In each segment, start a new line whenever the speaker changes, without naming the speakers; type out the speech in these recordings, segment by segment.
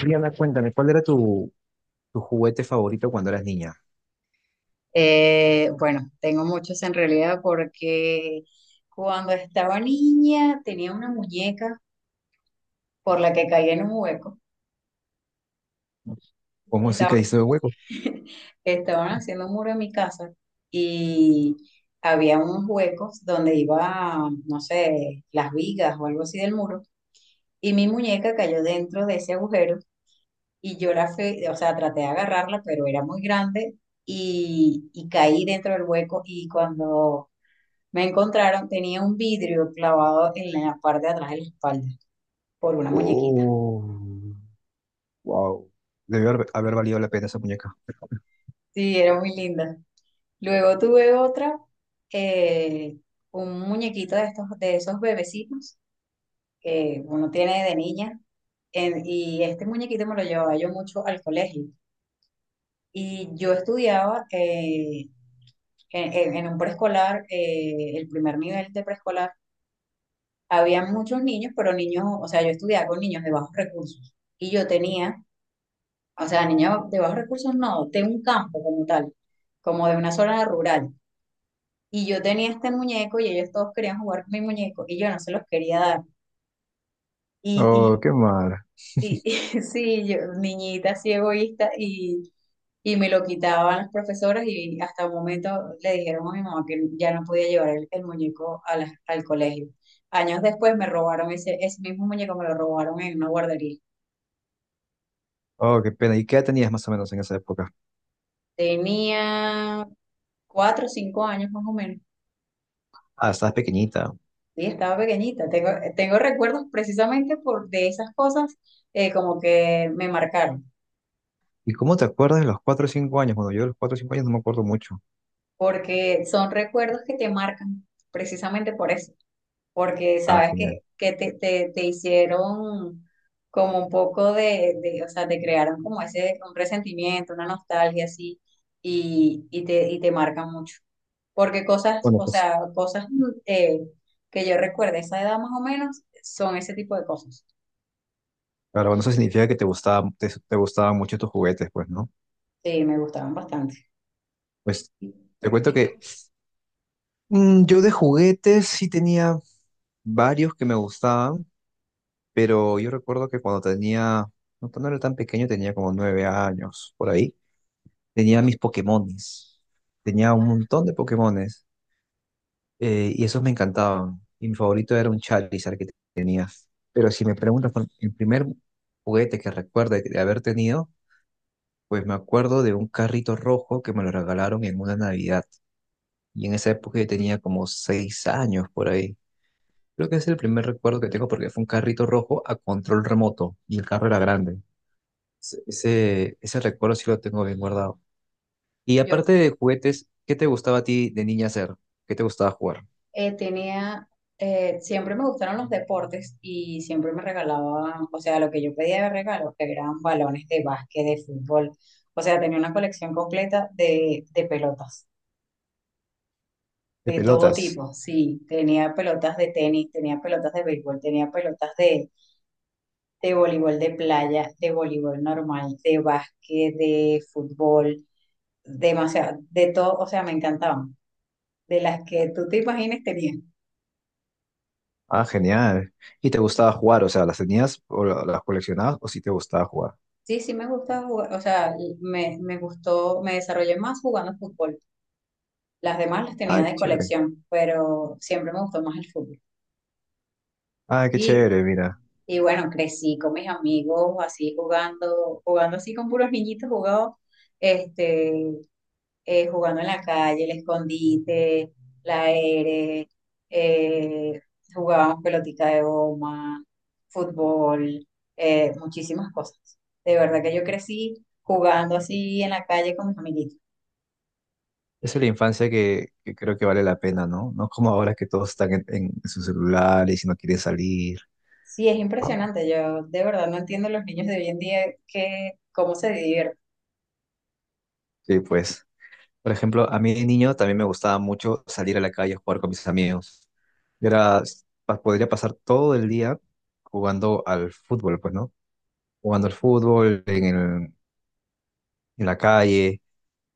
Rihanna, cuéntame, ¿cuál era tu juguete favorito cuando eras niña?
Bueno, tengo muchos en realidad porque cuando estaba niña tenía una muñeca por la que caí en un hueco.
¿Cómo sí
Estaba
que hizo de hueco?
Estaban haciendo un muro en mi casa y había unos huecos donde iba, no sé, las vigas o algo así del muro y mi muñeca cayó dentro de ese agujero y yo la fui, o sea, traté de agarrarla, pero era muy grande y caí dentro del hueco y cuando me encontraron, tenía un vidrio clavado en la parte de atrás de la espalda por una muñequita.
Oh, wow. Debió haber valido la pena esa muñeca.
Sí, era muy linda. Luego tuve otra, eh, un muñequito de estos, de esos bebecitos que uno tiene de niña. Y este muñequito me lo llevaba yo mucho al colegio. Y yo estudiaba en un preescolar, el primer nivel de preescolar. Había muchos niños, pero niños, o sea, yo estudiaba con niños de bajos recursos. Y yo tenía, o sea, niña de bajos recursos no, de un campo como tal, como de una zona rural. Y yo tenía este muñeco y ellos todos querían jugar con mi muñeco y yo no se los quería dar.
Oh,
Y,
qué mal.
y, y, y sí, yo, niñita así egoísta y me lo quitaban las profesoras y hasta un momento le dijeron a mi mamá que ya no podía llevar el muñeco a al colegio. Años después me robaron ese mismo muñeco, me lo robaron en una guardería.
Oh, qué pena. ¿Y qué edad tenías más o menos en esa época?
Tenía 4 o 5 años más o menos.
Ah, estabas pequeñita.
Sí, estaba pequeñita. Tengo recuerdos precisamente por de esas cosas, como que me marcaron,
¿Y cómo te acuerdas de los 4 o 5 años? Bueno, yo de los 4 o 5 años no me acuerdo mucho.
porque son recuerdos que te marcan precisamente por eso, porque
Ah,
sabes
genial.
que te hicieron como un poco o sea, te crearon como ese, un resentimiento, una nostalgia así, y te marcan mucho. Porque cosas,
Bueno,
o
pues,
sea, cosas, que yo recuerdo a esa edad más o menos son ese tipo de cosas.
claro, bueno, eso significa que te gustaba, te gustaban mucho tus juguetes, pues, ¿no?
Sí, me gustaban bastante.
Pues, te cuento
¿Y tú?
que yo de juguetes sí tenía varios que me gustaban. Pero yo recuerdo que cuando tenía, no, cuando era tan pequeño, tenía como 9 años, por ahí, tenía mis Pokémones. Tenía un montón de Pokémones, y esos me encantaban. Y mi favorito era un Charizard que tenía. Pero si me preguntas por el primer juguete que recuerdo de haber tenido, pues me acuerdo de un carrito rojo que me lo regalaron en una Navidad. Y en esa época yo tenía como 6 años por ahí. Creo que es el primer recuerdo que tengo porque fue un carrito rojo a control remoto y el carro era grande. Ese recuerdo sí lo tengo bien guardado. Y aparte
Yo,
de juguetes, ¿qué te gustaba a ti de niña hacer? ¿Qué te gustaba jugar?
tenía, siempre me gustaron los deportes y siempre me regalaban, o sea, lo que yo pedía de regalo, que eran balones de básquet, de fútbol, o sea, tenía una colección completa de pelotas,
De
de todo
pelotas.
tipo, sí, tenía pelotas de tenis, tenía pelotas de béisbol, tenía pelotas de voleibol de playa, de voleibol normal, de básquet, de fútbol, demasiado, de todo, o sea, me encantaban, de las que tú te imagines tenía.
Ah, genial. ¿Y te gustaba jugar? O sea, ¿las tenías o las coleccionabas o si te gustaba jugar?
Sí, sí me gusta jugar, o sea, me gustó, me desarrollé más jugando fútbol. Las demás las
Ah,
tenía de
chévere.
colección, pero siempre me gustó más el fútbol.
Ah, qué
Y,
chévere, mira.
y bueno, crecí con mis amigos así jugando, jugando así con puros niñitos, jugaba. Este, jugando en la calle, el escondite, la aire, eh, jugábamos pelotita de goma, fútbol, muchísimas cosas. De verdad que yo crecí jugando así en la calle con mis amiguitos.
Esa es la infancia que creo que vale la pena, ¿no? No como ahora que todos están en sus celulares y si no quieren salir.
Sí, es
¿No?
impresionante. Yo de verdad no entiendo los niños de hoy en día que cómo se divierten
Sí, pues. Por ejemplo, a mí de niño también me gustaba mucho salir a la calle a jugar con mis amigos. Yo era, podría pasar todo el día jugando al fútbol, pues, ¿no? Jugando al fútbol en la calle.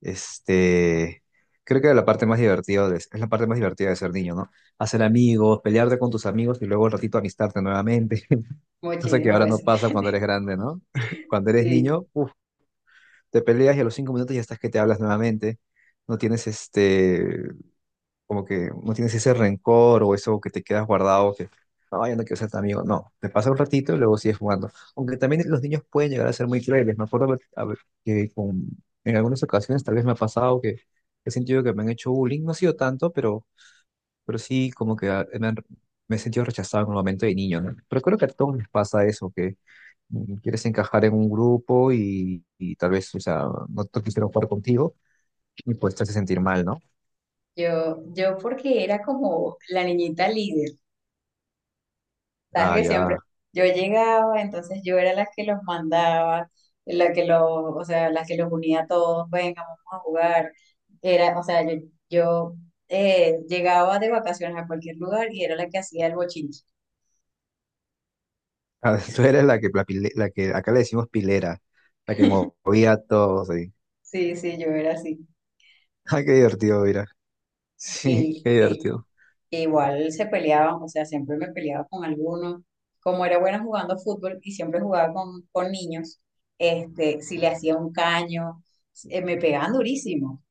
Este, creo que era la parte más divertida es la parte más divertida de ser niño, ¿no? Hacer amigos, pelearte con tus amigos y luego un ratito amistarte nuevamente. Cosa que
muchísimas
ahora no
veces.
pasa cuando eres grande, ¿no? Cuando eres
Sí,
niño, uf, te peleas y a los 5 minutos ya estás que te hablas nuevamente. No tienes este, como que no tienes ese rencor o eso que te quedas guardado, que no, yo no quiero ser tu amigo. No, te pasa un ratito y luego sigues jugando. Aunque también los niños pueden llegar a ser muy crueles. Me acuerdo que con- en algunas ocasiones tal vez me ha pasado que he sentido que me han hecho bullying. No ha sido tanto, pero sí como que ah, me he sentido rechazado en un momento de niño, ¿no? Pero creo que a todos les pasa eso, que quieres encajar en un grupo y tal vez, o sea, no te quisieron jugar contigo y pues te hace sentir mal, ¿no?
yo porque era como la niñita líder. Sabes
Ah,
que siempre
ya.
yo llegaba, entonces yo era la que los mandaba, la que los, o sea, la que los unía a todos, venga, vamos a jugar. Era, o sea, yo llegaba de vacaciones a cualquier lugar y era la que hacía el bochinche.
Ah, tú eres la que, la, la que acá le decimos pilera, la que movía todo, sí.
Sí, sí, yo era así.
Ah, qué divertido, mira. Sí,
Y,
qué
y-
divertido.
igual se peleaban, o sea, siempre me peleaba con alguno. Como era buena jugando fútbol y siempre jugaba con niños, este, si le hacía un caño, me pegaban durísimo.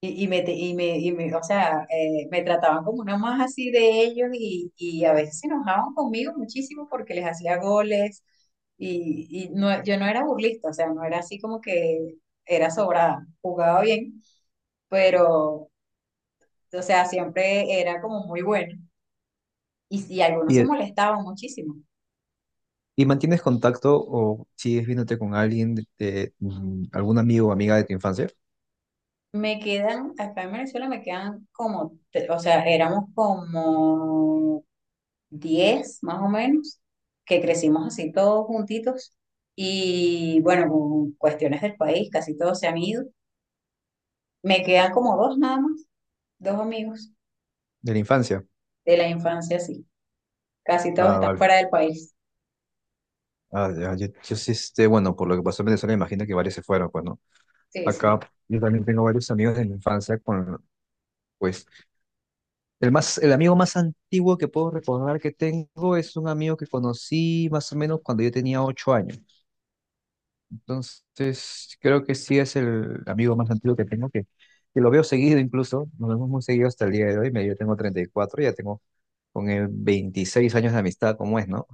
Y me, te- y me- O sea, me trataban como una más así de ellos y a veces se enojaban conmigo muchísimo porque les hacía goles y no, yo no era burlista, o sea, no era así como que era sobrada, jugaba bien, pero, o sea, siempre era como muy bueno y algunos
¿Y,
se molestaban muchísimo.
y mantienes contacto o sigues viéndote con alguien de, algún amigo o amiga de tu infancia?
Me quedan, acá en Venezuela me quedan como, o sea, éramos como 10 más o menos, que crecimos así todos juntitos. Y bueno, con cuestiones del país, casi todos se han ido. Me quedan como dos nada más, dos amigos
De la infancia.
de la infancia, sí. Casi todos
Ah,
están
vale.
fuera del país.
Ah, ya, yo sí, este, bueno, por lo que pasó en Venezuela, imagino que varios se fueron, pues, ¿no?
Sí,
Acá
sí.
yo también tengo varios amigos de la infancia con, pues, el amigo más antiguo que puedo recordar que tengo es un amigo que conocí más o menos cuando yo tenía 8 años. Entonces, creo que sí es el amigo más antiguo que tengo, que lo veo seguido incluso, nos vemos muy seguido hasta el día de hoy, yo tengo 34, ya tengo con él 26 años de amistad, como es, ¿no?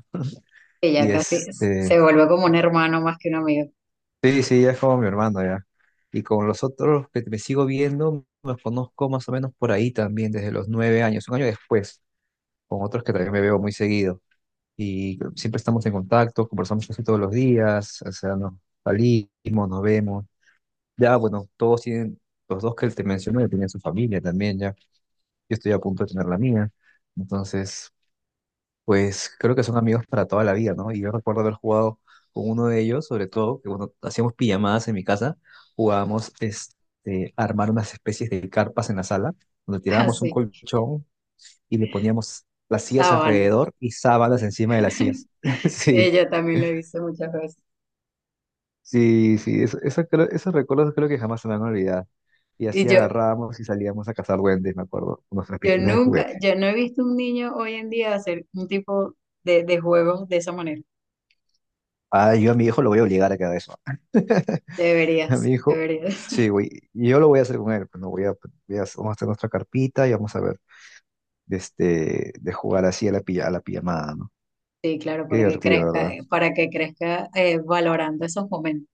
Que
Y
ya casi
este,
se vuelve como un hermano más que un amigo.
sí, sí, ya es como mi hermano, ya. Y con los otros que me sigo viendo, los conozco más o menos por ahí también, desde los 9 años, un año después, con otros que también me veo muy seguido. Y siempre estamos en contacto, conversamos casi todos los días, o sea, nos salimos, nos vemos. Ya, bueno, todos tienen, los dos que te mencioné tienen su familia también, ya. Yo estoy a punto de tener la mía. Entonces, pues creo que son amigos para toda la vida, ¿no? Y yo recuerdo haber jugado con uno de ellos, sobre todo, que cuando hacíamos pijamadas en mi casa, jugábamos este, a armar unas especies de carpas en la sala, donde tirábamos un
Así,
colchón y le poníamos las sillas
sabana.
alrededor y sábanas encima de las sillas.
Sí,
Sí.
yo también lo hice muchas veces.
Sí, sí, esos recuerdos creo que jamás se me van a olvidar. Y
Y
así
yo,
agarrábamos y salíamos a cazar duendes, me acuerdo, con nuestras
yo
pistolas de
nunca,
juguete.
yo no he visto un niño hoy en día hacer un tipo de juegos de esa manera.
Ah, yo a mi hijo lo voy a obligar a que haga eso. A
Deberías,
mi hijo,
deberías.
sí, güey, y yo lo voy a hacer con él, pues, no voy a, pues, vamos a hacer nuestra carpita y vamos a ver, de este, de jugar así a la, a la pijamada, ¿no?
Sí, claro,
Qué
para que
divertido,
crezca,
¿verdad?
para que crezca, valorando esos momentos.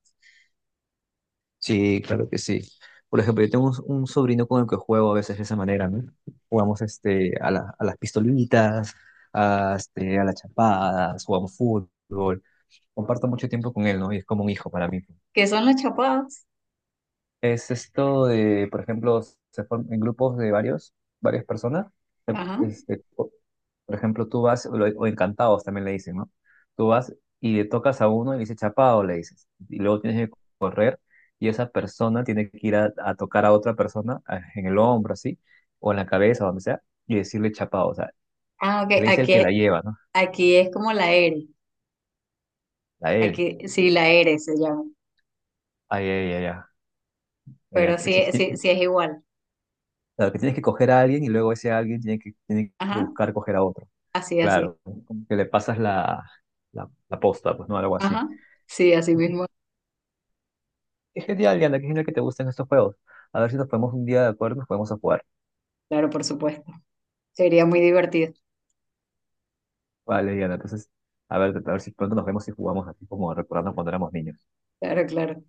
Sí, claro que sí. Por ejemplo, yo tengo un sobrino con el que juego a veces de esa manera, ¿no? Jugamos este, a, a las pistolitas, a, este, a las chapadas, jugamos fútbol. Comparto mucho tiempo con él, ¿no? Y es como un hijo para mí.
¿Qué son las chapadas?
Es esto de, por ejemplo, se forman en grupos de varias personas.
Ajá.
Este, por ejemplo, tú vas, o encantados también le dicen, ¿no? Tú vas y le tocas a uno y le dices chapado, le dices. Y luego tienes que correr y esa persona tiene que ir a tocar a otra persona en el hombro, así, o en la cabeza, donde sea, y decirle chapado. O sea,
Ah, ok,
le dice el que
aquí,
la lleva, ¿no?
aquí es como la ERE.
A él.
Aquí sí, la ERE se llama.
Ay, ay, ay, ay. Ay, ay.
Pero sí,
Así que
sí, sí es igual.
claro, que tienes que coger a alguien y luego ese alguien tiene que
Ajá,
buscar coger a otro.
así, así.
Claro, como que le pasas la posta, pues no, algo así.
Ajá, sí, así mismo.
Es genial, Diana, qué genial que te gusten estos juegos. A ver si nos ponemos un día de acuerdo y nos podemos a jugar.
Claro, por supuesto. Sería muy divertido.
Vale, Diana, entonces, a ver si pronto nos vemos y jugamos así como recordando cuando éramos niños.
Claro, claro.